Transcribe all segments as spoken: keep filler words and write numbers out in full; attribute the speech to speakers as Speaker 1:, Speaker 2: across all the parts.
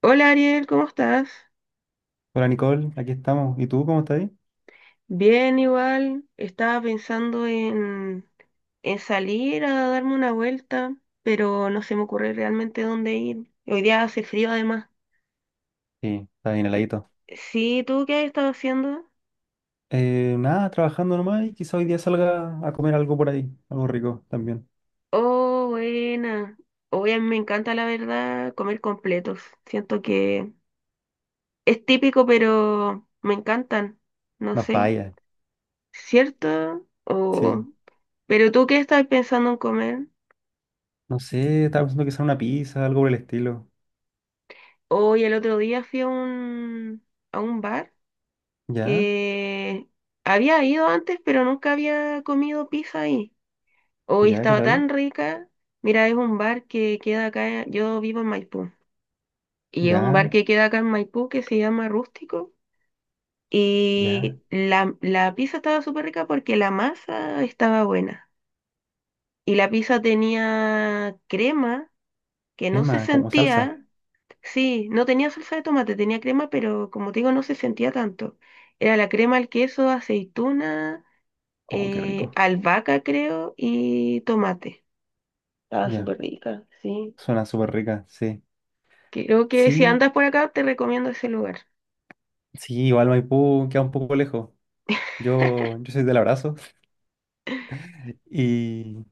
Speaker 1: Hola Ariel, ¿cómo estás?
Speaker 2: Hola Nicole, aquí estamos. ¿Y tú cómo estás ahí?
Speaker 1: Bien, igual. Estaba pensando en, en salir a darme una vuelta, pero no se me ocurre realmente dónde ir. Hoy día hace frío además.
Speaker 2: Sí, está bien
Speaker 1: Eh,
Speaker 2: heladito.
Speaker 1: Sí, ¿tú qué has estado haciendo?
Speaker 2: Eh, nada, trabajando nomás y quizá hoy día salga a comer algo por ahí, algo rico también.
Speaker 1: Oh, buena. Hoy a mí me encanta, la verdad, comer completos. Siento que es típico, pero me encantan. No
Speaker 2: No
Speaker 1: sé,
Speaker 2: falla,
Speaker 1: ¿cierto? O...
Speaker 2: sí.
Speaker 1: ¿Pero tú qué estás pensando en comer?
Speaker 2: No sé, estaba pensando quizá una pizza, algo por el estilo.
Speaker 1: Hoy el otro día fui a un, a un bar
Speaker 2: ¿Ya?
Speaker 1: que había ido antes, pero nunca había comido pizza ahí. Hoy
Speaker 2: ¿Ya? ¿Qué
Speaker 1: estaba
Speaker 2: tal?
Speaker 1: tan rica. Mira, es un bar que queda acá, yo vivo en Maipú, y es un bar
Speaker 2: ¿Ya?
Speaker 1: que queda acá en Maipú que se llama Rústico.
Speaker 2: ¿Ya?
Speaker 1: Y la, la pizza estaba súper rica porque la masa estaba buena. Y la pizza tenía crema que no se
Speaker 2: Tema, como salsa.
Speaker 1: sentía. Sí, no tenía salsa de tomate, tenía crema, pero como te digo, no se sentía tanto. Era la crema, el queso, aceituna,
Speaker 2: Oh, qué
Speaker 1: eh,
Speaker 2: rico.
Speaker 1: albahaca, creo, y tomate. Estaba
Speaker 2: Ya,
Speaker 1: súper rica, sí.
Speaker 2: suena súper rica, sí.
Speaker 1: Creo que si
Speaker 2: Sí,
Speaker 1: andas por acá, te recomiendo ese lugar.
Speaker 2: sí, igual Maipú queda un poco lejos. Yo, yo soy del abrazo y,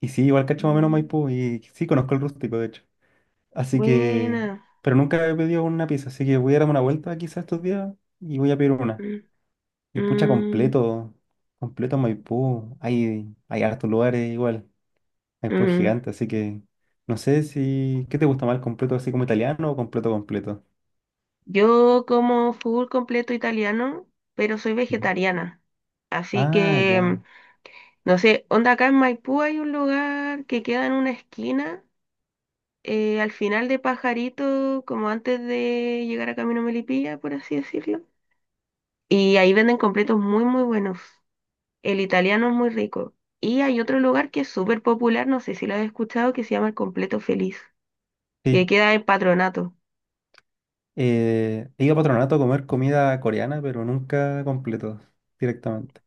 Speaker 2: y sí, igual cacho más o menos
Speaker 1: Mm,
Speaker 2: Maipú y sí, conozco el rústico, de hecho. Así que,
Speaker 1: buena.
Speaker 2: pero nunca he pedido una pizza, así que voy a darme una vuelta quizás estos días y voy a pedir una.
Speaker 1: Mm,
Speaker 2: Y pucha,
Speaker 1: mm,
Speaker 2: completo, completo Maipú. Hay, hay hartos lugares igual. Maipú es
Speaker 1: mm.
Speaker 2: gigante, así que no sé si, ¿qué te gusta más, el completo así como italiano o completo completo?
Speaker 1: Yo como full completo italiano, pero soy
Speaker 2: Mm.
Speaker 1: vegetariana. Así
Speaker 2: Ah,
Speaker 1: que, mm,
Speaker 2: ya,
Speaker 1: no sé, onda acá en Maipú hay un lugar que queda en una esquina eh, al final de Pajarito, como antes de llegar a Camino Melipilla, por así decirlo. Y ahí venden completos muy, muy buenos. El italiano es muy rico. Y hay otro lugar que es súper popular, no sé si lo has escuchado, que se llama el Completo Feliz, que
Speaker 2: sí.
Speaker 1: queda en Patronato.
Speaker 2: Eh, he ido a Patronato a comer comida coreana, pero nunca completo, directamente.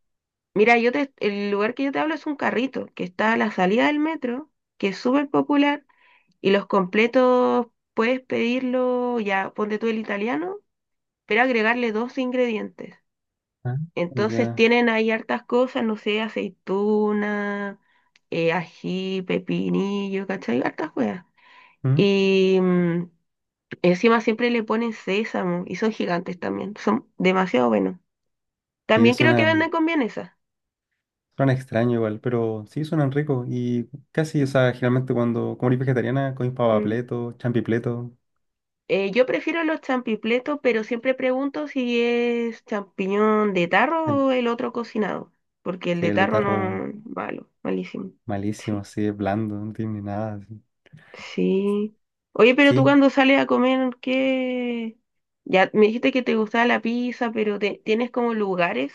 Speaker 1: Mira, yo te, el lugar que yo te hablo es un carrito, que está a la salida del metro, que es súper popular, y los completos puedes pedirlo, ya ponte tú el italiano, pero agregarle dos ingredientes.
Speaker 2: Ah,
Speaker 1: Entonces
Speaker 2: ya.
Speaker 1: tienen ahí hartas cosas, no sé, aceituna, eh, ají, pepinillo, ¿cachai? Hartas cosas.
Speaker 2: ¿Mm?
Speaker 1: Y mm, encima siempre le ponen sésamo y son gigantes también, son demasiado buenos.
Speaker 2: Y
Speaker 1: También creo que venden
Speaker 2: suenan,
Speaker 1: con vienesa.
Speaker 2: suena extraño igual, pero sí suenan ricos. Y casi, o sea, generalmente cuando como eres vegetariana, comes
Speaker 1: Mm.
Speaker 2: papapleto, champipleto.
Speaker 1: Eh, yo prefiero los champipletos, pero siempre pregunto si es champiñón de tarro
Speaker 2: En-
Speaker 1: o el otro cocinado, porque el
Speaker 2: sí,
Speaker 1: de
Speaker 2: el de
Speaker 1: tarro
Speaker 2: tarro
Speaker 1: no, malo, malísimo.
Speaker 2: malísimo,
Speaker 1: Sí.
Speaker 2: así, es blando, no tiene ni nada. Así.
Speaker 1: Sí. Oye, pero tú
Speaker 2: Sí,
Speaker 1: cuando sales a comer, ¿qué? Ya me dijiste que te gustaba la pizza, pero te- ¿tienes como lugares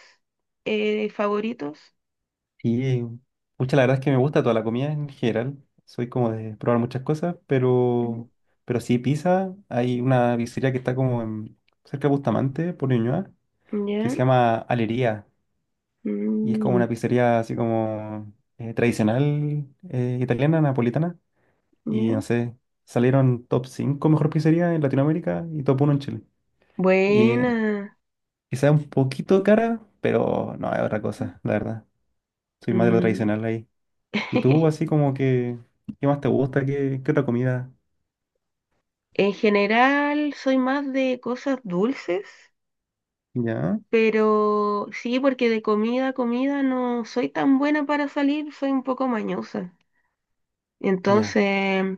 Speaker 1: eh, favoritos?
Speaker 2: y pucha, la verdad es que me gusta toda la comida en general. Soy como de probar muchas cosas,
Speaker 1: Mm.
Speaker 2: pero, pero sí, pizza. Hay una pizzería que está como en- cerca de Bustamante, por Ñuñoa, que
Speaker 1: Ya.
Speaker 2: se llama Alería. Y es como una
Speaker 1: Mm,
Speaker 2: pizzería así como eh, tradicional eh, italiana, napolitana. Y
Speaker 1: ya.
Speaker 2: no sé, salieron top cinco mejor pizzería en Latinoamérica y top uno en Chile. Y eh,
Speaker 1: Buena.
Speaker 2: quizá un poquito cara, pero no, es otra cosa, la verdad. Soy más de lo
Speaker 1: Mm.
Speaker 2: tradicional ahí. ¿Y tú, así como que, qué más te gusta? ¿Qué, qué otra comida?
Speaker 1: En general, soy más de cosas dulces,
Speaker 2: Ya,
Speaker 1: pero sí, porque de comida a comida no soy tan buena para salir, soy un poco mañosa.
Speaker 2: ya.
Speaker 1: Entonces,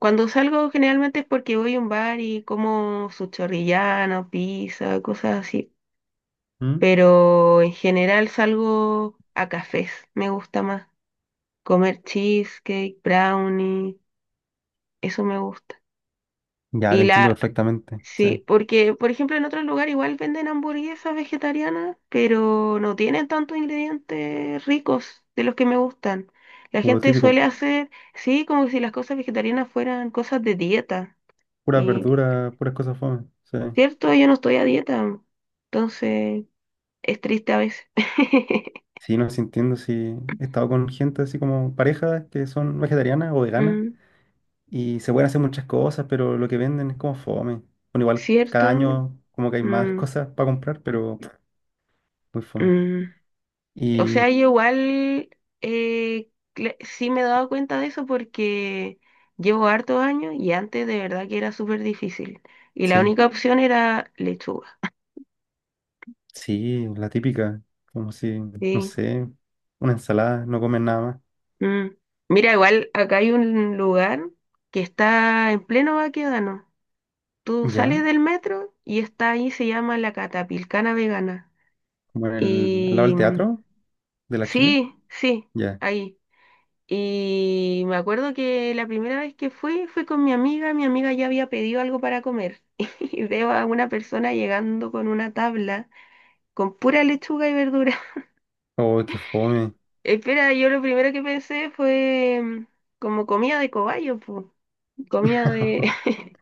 Speaker 1: cuando salgo generalmente es porque voy a un bar y como su chorrillano, pizza, cosas así.
Speaker 2: ¿Mm?
Speaker 1: Pero en general salgo a cafés, me gusta más. Comer cheesecake, brownie, eso me gusta.
Speaker 2: Ya, te
Speaker 1: Y
Speaker 2: entiendo
Speaker 1: la,
Speaker 2: perfectamente. Sí.
Speaker 1: sí, porque por ejemplo en otros lugares igual venden hamburguesas vegetarianas, pero no tienen tantos ingredientes ricos de los que me gustan. La
Speaker 2: Como lo
Speaker 1: gente
Speaker 2: típico,
Speaker 1: suele hacer, sí, como si las cosas vegetarianas fueran cosas de dieta.
Speaker 2: puras
Speaker 1: Y
Speaker 2: verduras, puras cosas fome. Sí.
Speaker 1: cierto, yo no estoy a dieta, entonces es triste a veces.
Speaker 2: Sí, no, sí entiendo. Sí, he estado con gente así como parejas que son vegetarianas o veganas,
Speaker 1: Mm,
Speaker 2: y se pueden hacer muchas cosas, pero lo que venden es como fome. Bueno, igual
Speaker 1: ¿cierto?
Speaker 2: cada año como que hay más
Speaker 1: Mm,
Speaker 2: cosas para comprar, pero muy fome.
Speaker 1: mm. O
Speaker 2: Y
Speaker 1: sea, yo igual eh, cl- sí me he dado cuenta de eso porque llevo hartos años y antes de verdad que era súper difícil. Y la
Speaker 2: sí,
Speaker 1: única opción era lechuga.
Speaker 2: sí, la típica, como si, no
Speaker 1: Sí.
Speaker 2: sé, una ensalada, no comen nada
Speaker 1: Mm. Mira, igual acá hay un lugar que está en pleno Baquedano. Tú
Speaker 2: más. ¿Ya?
Speaker 1: sales del metro y está ahí, se llama La Catapilcana Vegana.
Speaker 2: Como en el, al lado
Speaker 1: Y
Speaker 2: del
Speaker 1: mm,
Speaker 2: teatro de la Chile.
Speaker 1: sí, sí,
Speaker 2: Ya.
Speaker 1: ahí. Y me acuerdo que la primera vez que fui, fui con mi amiga, mi amiga ya había pedido algo para comer. Y veo a una persona llegando con una tabla con pura lechuga y verdura.
Speaker 2: Oh, qué fome.
Speaker 1: Espera, yo lo primero que pensé fue mm, como comida de cobayo, pues, comida de...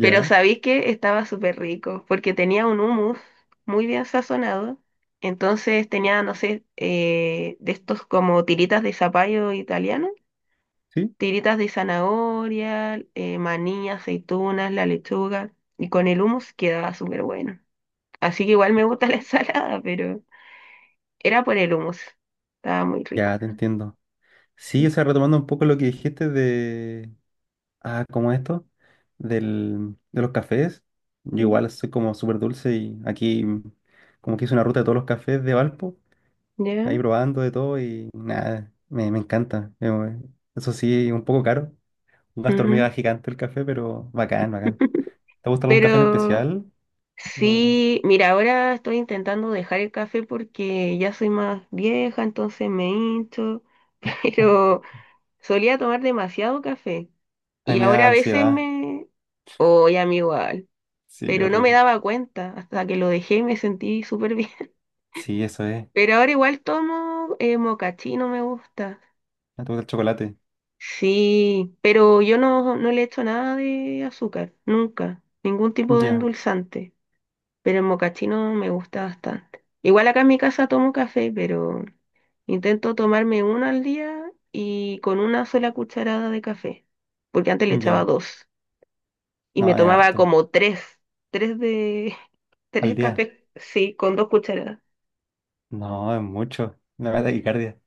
Speaker 1: Pero sabéis que estaba súper rico, porque tenía un hummus muy bien sazonado. Entonces tenía, no sé, eh, de estos como tiritas de zapallo italiano,
Speaker 2: sí,
Speaker 1: tiritas de zanahoria, eh, maní, aceitunas, la lechuga, y con el hummus quedaba súper bueno. Así que igual me gusta la ensalada, pero era por el hummus. Estaba muy rico.
Speaker 2: ya te entiendo. Sí, o sea,
Speaker 1: Sí.
Speaker 2: retomando un poco lo que dijiste de, ah, como esto, del, de los cafés. Yo
Speaker 1: Mm.
Speaker 2: igual soy como súper dulce y aquí mm, como que hice una ruta de todos los cafés de Valpo,
Speaker 1: ¿Ya?
Speaker 2: ahí probando de todo y nada, me, me encanta. Eh, bueno, eso sí, un poco caro, un gasto
Speaker 1: Ujú.
Speaker 2: hormiga gigante el café, pero bacán, bacán. ¿Te gusta algún café en
Speaker 1: Pero
Speaker 2: especial? O-
Speaker 1: sí, mira, ahora estoy intentando dejar el café porque ya soy más vieja, entonces me hincho, pero solía tomar demasiado café
Speaker 2: a mí
Speaker 1: y
Speaker 2: me da
Speaker 1: ahora a veces
Speaker 2: ansiedad.
Speaker 1: me... Oye, a mí igual.
Speaker 2: Sí,
Speaker 1: Pero no me
Speaker 2: horrible.
Speaker 1: daba cuenta hasta que lo dejé y me sentí súper bien.
Speaker 2: Sí, eso es.
Speaker 1: Pero ahora igual tomo eh, mocachino, me gusta.
Speaker 2: Me gusta el chocolate.
Speaker 1: Sí, pero yo no, no le echo nada de azúcar, nunca, ningún tipo de
Speaker 2: Ya,
Speaker 1: endulzante, pero el mocachino me gusta bastante. Igual acá en mi casa tomo café, pero intento tomarme uno al día y con una sola cucharada de café, porque antes le echaba
Speaker 2: ya.
Speaker 1: dos y me
Speaker 2: No, es
Speaker 1: tomaba
Speaker 2: harto.
Speaker 1: como tres, tres de,
Speaker 2: Al
Speaker 1: tres
Speaker 2: día.
Speaker 1: cafés, sí, con dos cucharadas.
Speaker 2: No, es mucho. Me da taquicardia.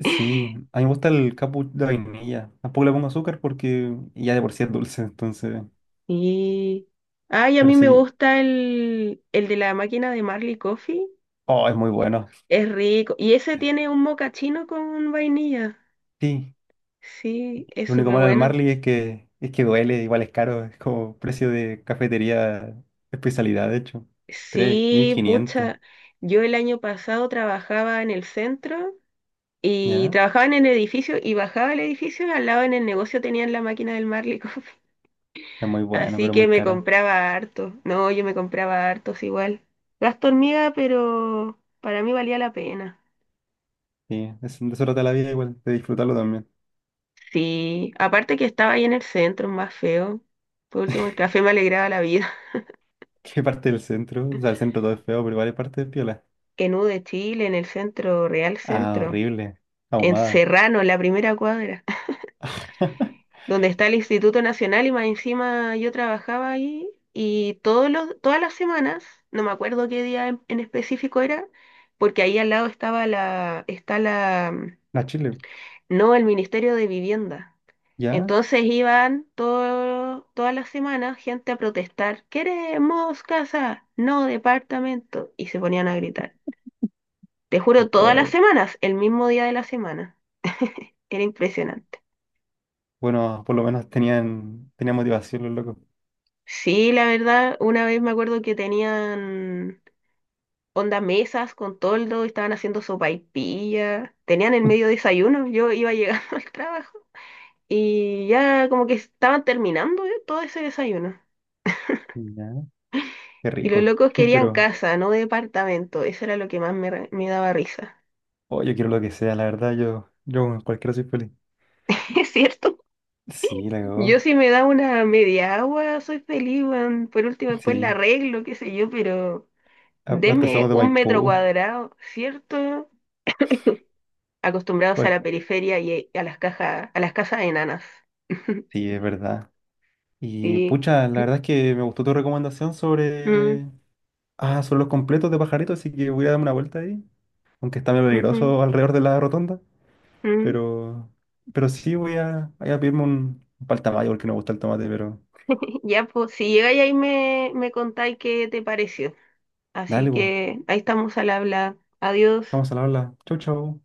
Speaker 2: Sí, a mí me gusta el cappuccino de vainilla. Tampoco le pongo azúcar porque ya de por sí es dulce, entonces.
Speaker 1: Y. Ay, a
Speaker 2: Pero
Speaker 1: mí me
Speaker 2: sí,
Speaker 1: gusta el, el de la máquina de Marley Coffee.
Speaker 2: oh, es muy bueno.
Speaker 1: Es rico. Y ese tiene un mocachino con vainilla.
Speaker 2: Sí,
Speaker 1: Sí, es
Speaker 2: lo único
Speaker 1: súper
Speaker 2: malo del
Speaker 1: bueno.
Speaker 2: Marley es que es que duele, igual es caro, es como precio de cafetería especialidad, de hecho. tres mil
Speaker 1: Sí,
Speaker 2: quinientos,
Speaker 1: pucha. Yo el año pasado trabajaba en el centro y
Speaker 2: ¿ya?
Speaker 1: trabajaba en el edificio y bajaba el edificio y al lado en el negocio tenían la máquina del Marley Coffee.
Speaker 2: Es muy bueno,
Speaker 1: Así
Speaker 2: pero
Speaker 1: que
Speaker 2: muy
Speaker 1: me
Speaker 2: caro.
Speaker 1: compraba harto. No, yo me compraba hartos igual. Gasto hormiga, pero para mí valía la pena.
Speaker 2: Sí, es, de eso trata la vida igual, de disfrutarlo también.
Speaker 1: Sí, aparte que estaba ahí en el centro, más feo. Por último, el café me alegraba la vida.
Speaker 2: ¿Qué parte del centro? O sea, el centro todo es feo, pero igual hay parte de piola.
Speaker 1: En U de Chile, en el centro, Real
Speaker 2: Ah,
Speaker 1: Centro,
Speaker 2: horrible.
Speaker 1: en
Speaker 2: Ahumada.
Speaker 1: Serrano, en la primera cuadra, donde está el Instituto Nacional y más encima yo trabajaba ahí y todos los, todas las semanas, no me acuerdo qué día en, en específico era, porque ahí al lado estaba la, está la...
Speaker 2: La Chile,
Speaker 1: No, el Ministerio de Vivienda.
Speaker 2: ¿ya?
Speaker 1: Entonces iban todo, todas las semanas gente a protestar, queremos casa, no departamento, y se ponían a gritar. Te juro, todas las
Speaker 2: Oh.
Speaker 1: semanas, el mismo día de la semana. Era impresionante.
Speaker 2: Bueno, por lo menos tenían, tenían motivación los locos.
Speaker 1: Sí, la verdad, una vez me acuerdo que tenían onda mesas con toldo, estaban haciendo sopaipilla, tenían el medio desayuno, yo iba llegando al trabajo y ya como que estaban terminando eh, todo ese desayuno.
Speaker 2: Ya. Qué
Speaker 1: Y los
Speaker 2: rico.
Speaker 1: locos querían
Speaker 2: Pero,
Speaker 1: casa, no departamento. Eso era lo que más me, re- me daba risa.
Speaker 2: oh, yo quiero lo que sea, la verdad, yo, yo con cualquiera soy feliz.
Speaker 1: ¿Es cierto?
Speaker 2: Sí, la
Speaker 1: Yo
Speaker 2: cagó.
Speaker 1: si me da una media agua, soy feliz, weón. Por último, después la
Speaker 2: Sí.
Speaker 1: arreglo, qué sé yo, pero
Speaker 2: Aparte somos
Speaker 1: deme
Speaker 2: de
Speaker 1: un metro
Speaker 2: Maipú.
Speaker 1: cuadrado, ¿cierto? Acostumbrados a
Speaker 2: Cual-
Speaker 1: la periferia y a las cajas, a las casas enanas.
Speaker 2: sí, es verdad. Y
Speaker 1: Sí.
Speaker 2: pucha, la verdad es que me gustó tu recomendación
Speaker 1: Mm,
Speaker 2: sobre. Ah, sobre los completos de pajaritos, así que voy a darme una vuelta ahí. Aunque está medio
Speaker 1: ujú,
Speaker 2: peligroso alrededor de la rotonda.
Speaker 1: mm.
Speaker 2: Pero. Pero sí voy a, voy a pedirme un, un paltamayo porque no me gusta el tomate, pero.
Speaker 1: Ya, pues, si llegáis ahí me, me contáis qué te pareció. Así
Speaker 2: Dale, pues.
Speaker 1: que ahí estamos al habla. Adiós.
Speaker 2: Estamos al habla. Chau, chau.